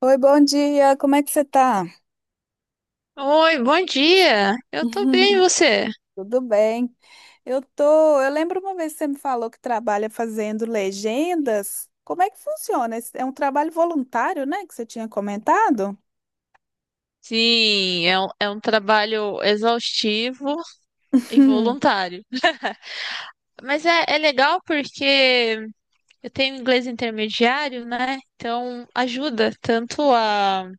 Oi, bom dia. Como é que você tá? Oi, bom dia. Eu tô bem, e você? Tudo bem? Eu lembro uma vez que você me falou que trabalha fazendo legendas. Como é que funciona? É um trabalho voluntário, né, que você tinha comentado? Sim, é um trabalho exaustivo e voluntário. Mas é legal porque eu tenho inglês intermediário, né? Então ajuda tanto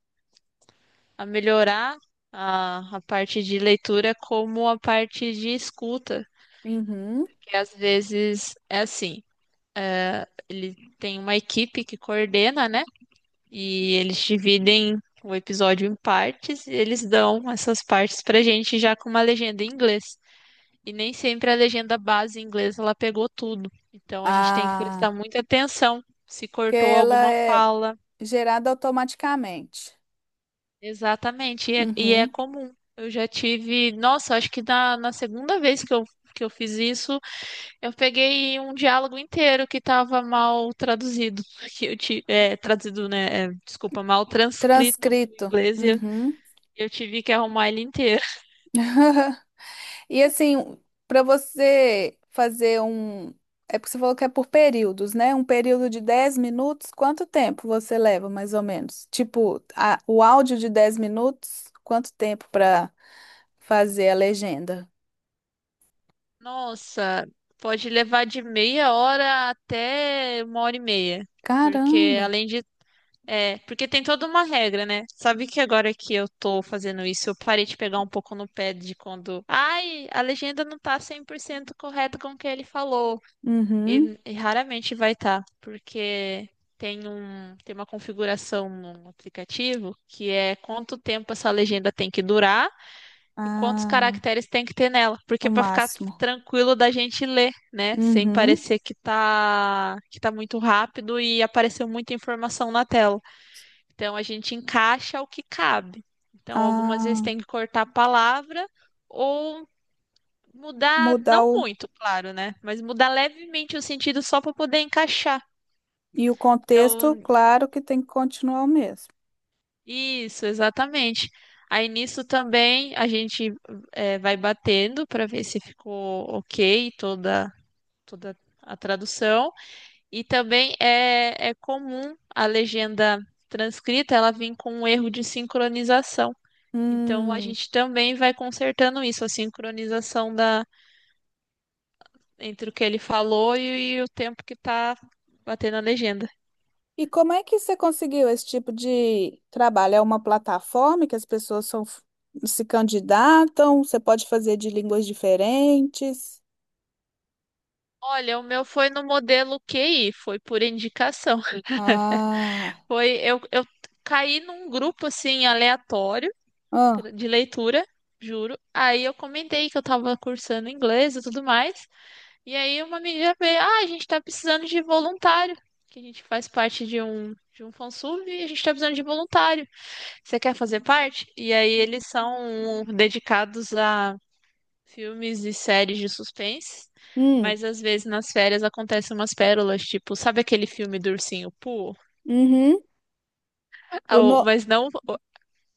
a melhorar a parte de leitura como a parte de escuta, Uhum. que às vezes é assim. Ele tem uma equipe que coordena, né? E eles dividem o episódio em partes e eles dão essas partes pra gente já com uma legenda em inglês. E nem sempre a legenda base em inglês ela pegou tudo. Então a gente tem que prestar Ah, muita atenção se porque cortou ela alguma é fala. gerada automaticamente. Exatamente. E é Uhum. comum. Eu já tive. Nossa, acho que na segunda vez que eu fiz isso, eu peguei um diálogo inteiro que estava mal traduzido. Que eu ti- é, Traduzido, né? Desculpa, mal transcrito para o Transcrito. inglês e Uhum. eu tive que arrumar ele inteiro. E assim, para você fazer um. É porque você falou que é por períodos, né? Um período de 10 minutos, quanto tempo você leva, mais ou menos? Tipo, o áudio de 10 minutos, quanto tempo para fazer a legenda? Nossa, pode levar de meia hora até uma hora e meia. Porque Caramba! além de. É, porque tem toda uma regra, né? Sabe que agora que eu tô fazendo isso, eu parei de pegar um pouco no pé de quando. Ai, a legenda não tá 100% correta com o que ele falou. Uhum. E raramente vai estar. Tá, porque tem uma configuração no aplicativo que é quanto tempo essa legenda tem que durar. E quantos Ah, caracteres tem que ter nela? o Porque para ficar máximo. tranquilo da gente ler, né? Sem Uhum. parecer que tá muito rápido e apareceu muita informação na tela. Então a gente encaixa o que cabe. Então algumas vezes Ah, tem que cortar a palavra ou mudar, mudar não o. muito, claro, né? Mas mudar levemente o sentido só para poder encaixar. E o contexto, Então, claro que tem que continuar o mesmo. isso, exatamente. Aí nisso também a gente vai batendo para ver se ficou ok toda a tradução. E também é comum a legenda transcrita ela vir com um erro de sincronização. Então a Hum. gente também vai consertando isso, a sincronização da entre o que ele falou e o tempo que está batendo a legenda. E como é que você conseguiu esse tipo de trabalho? É uma plataforma que as pessoas se candidatam? Você pode fazer de línguas diferentes? Olha, o meu foi no modelo QI, foi por indicação. Ah, Foi eu caí num grupo assim aleatório ah, de leitura, juro. Aí eu comentei que eu estava cursando inglês e tudo mais. E aí uma amiga veio, ah, a gente tá precisando de voluntário, que a gente faz parte de um fansub e a gente tá precisando de voluntário. Você quer fazer parte? E aí eles são dedicados a filmes e séries de suspense, hum, mas às vezes nas férias acontecem umas pérolas, tipo, sabe aquele filme do Ursinho Pooh? uhum. O no... Mas não o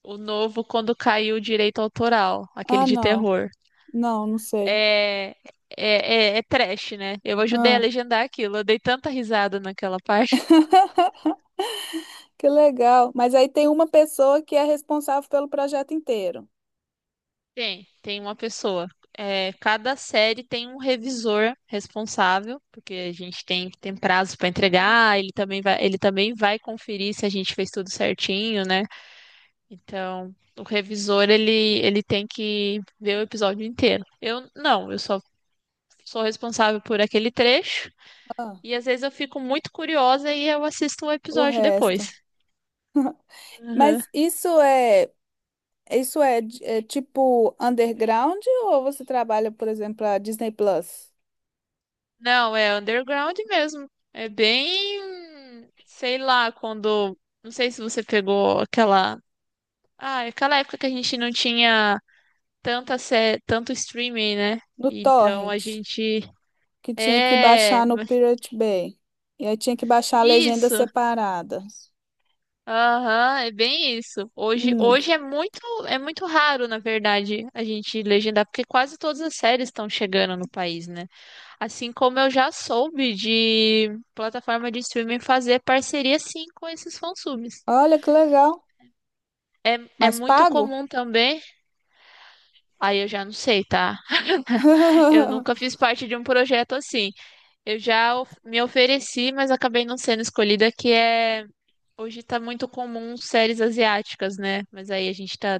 novo quando caiu o direito autoral, aquele Ah, de não, terror. não, não sei. É, é trash, né? Eu ajudei a Ah. legendar aquilo, eu dei tanta risada naquela parte. Que legal. Mas aí tem uma pessoa que é responsável pelo projeto inteiro. Tem, tem uma pessoa. É, cada série tem um revisor responsável, porque a gente tem prazo para entregar, ele também vai conferir se a gente fez tudo certinho, né? Então, o revisor, ele tem que ver o episódio inteiro. Eu não, eu só sou responsável por aquele trecho, Ah, e às vezes eu fico muito curiosa e eu assisto o o episódio resto. depois. Mas isso é. Isso é, é tipo underground ou você trabalha, por exemplo, a Disney Plus? Não, é underground mesmo. É bem, sei lá, quando. Não sei se você pegou aquela. Ah, aquela época que a gente não tinha tanta sé... tanto streaming, né? No Então a Torrent, gente. que tinha que É, baixar no Pirate Bay. E aí tinha que baixar a legenda isso. separada. Aham, é bem isso. Hum, Hoje é muito raro, na verdade, a gente legendar, porque quase todas as séries estão chegando no país, né? Assim como eu já soube de plataforma de streaming fazer parceria sim com esses fansubs. olha que legal. É Mas muito pago? comum também, aí eu já não sei, tá? Eu nunca fiz parte de um projeto assim. Me ofereci, mas acabei não sendo escolhida, que é hoje tá muito comum séries asiáticas, né? Mas aí a gente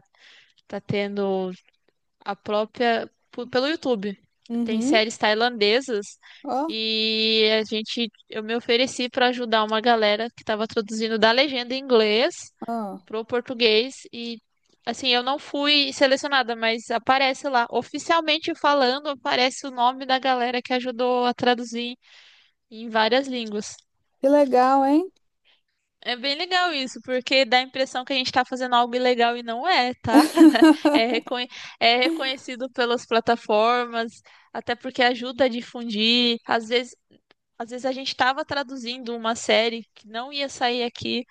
tá tendo a própria. Pelo YouTube. Tem Uhum. séries tailandesas Ó, e a gente. Eu me ofereci para ajudar uma galera que estava traduzindo da legenda em inglês ó. pro português e. Assim, eu não fui selecionada, mas aparece lá. Oficialmente falando, aparece o nome da galera que ajudou a traduzir em várias línguas. Que legal, hein? É bem legal isso, porque dá a impressão que a gente está fazendo algo ilegal e não é, tá? É, reconhe- é reconhecido pelas plataformas, até porque ajuda a difundir. Às vezes a gente estava traduzindo uma série que não ia sair aqui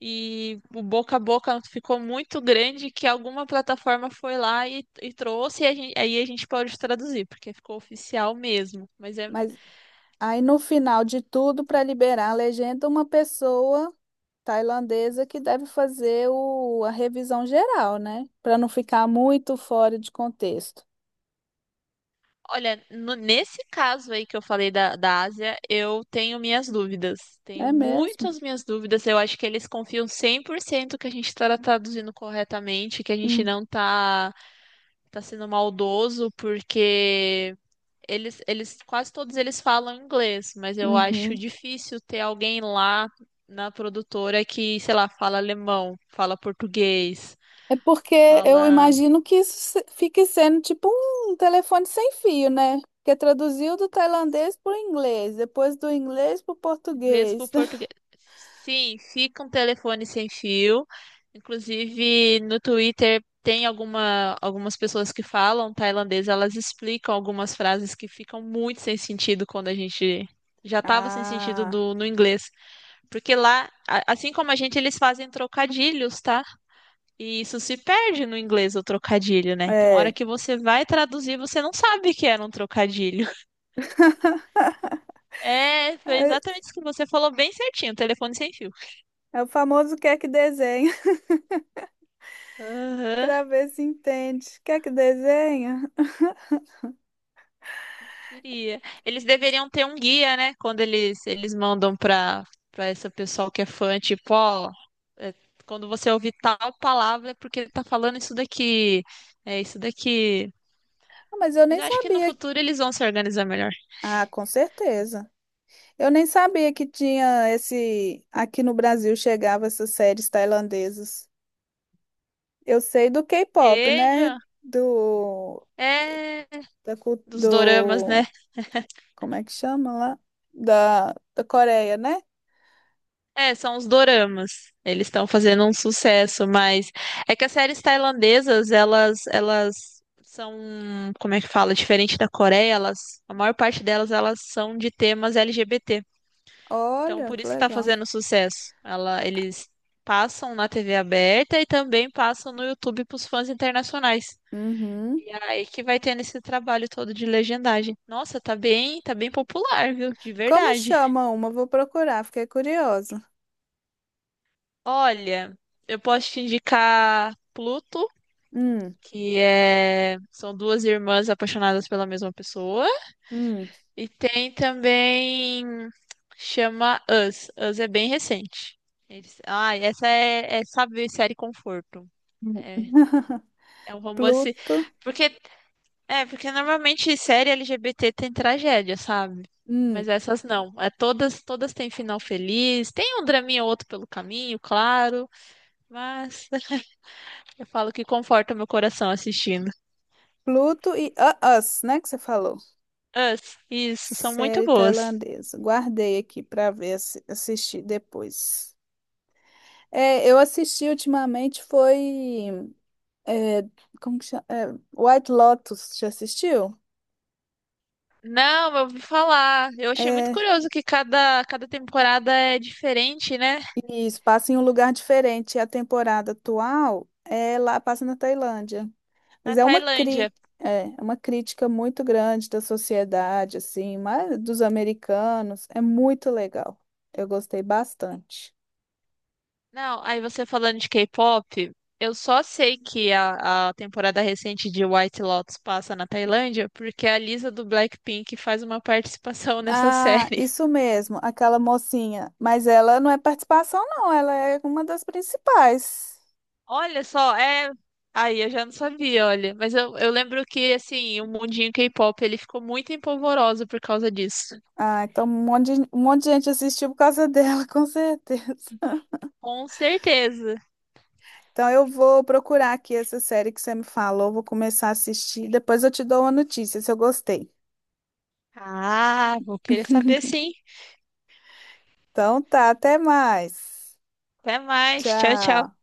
e o boca a boca ficou muito grande que alguma plataforma foi lá e trouxe e a gente, aí a gente pode traduzir, porque ficou oficial mesmo. Mas é Mas aí no final de tudo, para liberar a legenda, uma pessoa. Tailandesa que deve fazer o, a revisão geral, né? Para não ficar muito fora de contexto. olha, nesse caso aí que eu falei da Ásia, eu tenho minhas dúvidas. Tenho É mesmo? muitas minhas dúvidas. Eu acho que eles confiam 100% que a gente está traduzindo corretamente, que a gente Hum, não tá sendo maldoso, porque quase todos eles falam inglês, mas eu acho uhum. difícil ter alguém lá na produtora que, sei lá, fala alemão, fala português, É porque eu fala imagino que isso fique sendo tipo um telefone sem fio, né? Porque traduziu do tailandês para o inglês, depois do inglês para o inglês para o português. português. Sim, fica um telefone sem fio. Inclusive, no Twitter tem algumas pessoas que falam tailandês, elas explicam algumas frases que ficam muito sem sentido quando a gente já estava sem sentido Ah, no inglês. Porque lá, assim como a gente, eles fazem trocadilhos, tá? E isso se perde no inglês, o trocadilho, né? Então, a hora é. que você vai traduzir, você não sabe que era um trocadilho. É, foi É, exatamente isso que você falou, bem certinho, telefone sem fio. é o famoso quer que desenha, Aham, para ver se entende. Quer que desenha? preferia. Eles deveriam ter um guia, né? Quando eles mandam pra esse pessoal que é fã, tipo, ó, é, quando você ouvir tal palavra é porque ele tá falando isso daqui, é isso daqui. Ah, mas eu Mas nem eu acho que no sabia. futuro eles vão se organizar melhor. Ah, com certeza. Eu nem sabia que tinha esse. Aqui no Brasil chegava essas séries tailandesas. Eu sei do K-pop, né? Chega! Do. É, Da, do. dos doramas, né? Como é que chama lá? Da, da Coreia, né? É, são os doramas. Eles estão fazendo um sucesso, mas é que as séries tailandesas, elas são, como é que fala, diferente da Coreia, elas, a maior parte delas, elas são de temas LGBT. Então, Olha, por que isso que tá legal. fazendo sucesso. Ela, eles passam na TV aberta e também passam no YouTube pros fãs internacionais. Uhum. E é aí que vai tendo esse trabalho todo de legendagem. Nossa, tá bem popular, viu? De Como verdade. chama uma? Vou procurar, fiquei curiosa. Olha, eu posso te indicar Pluto Hum, que é são 2 irmãs apaixonadas pela mesma pessoa. hum, E tem também chama Us. Us é bem recente. Ah, essa é sabe, série conforto. hum. É, é um romance Pluto. porque é porque normalmente série LGBT tem tragédia, sabe? Hum. Mas essas não. É todas têm final feliz. Tem um draminha ou outro pelo caminho, claro, mas eu falo que conforta meu coração assistindo. Pluto e Us, né? Que você falou. Us, isso, são muito Série boas. tailandesa. Guardei aqui para ver assistir depois. É, eu assisti ultimamente foi é, como que chama? É, White Lotus, já assistiu? Não, eu ouvi falar. Eu achei muito É, curioso que cada temporada é diferente, né? isso, passa em um lugar diferente. A temporada atual é lá, passa na Tailândia. Mas Na é uma cri Tailândia. é, é uma crítica muito grande da sociedade, assim, mas dos americanos. É muito legal. Eu gostei bastante. Não, aí você falando de K-pop, eu só sei que a temporada recente de White Lotus passa na Tailândia porque a Lisa do Blackpink faz uma participação nessa Ah, série. isso mesmo, aquela mocinha. Mas ela não é participação, não, ela é uma das principais. Olha só, é. Aí eu já não sabia, olha. Mas eu lembro que, assim, o mundinho K-pop ele ficou muito empolvoroso por causa disso. Ah, então um monte de gente assistiu por causa dela, com certeza. Com certeza. Então eu vou procurar aqui essa série que você me falou, vou começar a assistir, depois eu te dou uma notícia se eu gostei. Ah, vou querer saber sim. Então tá, até mais. Até mais. Tchau, tchau. Tchau.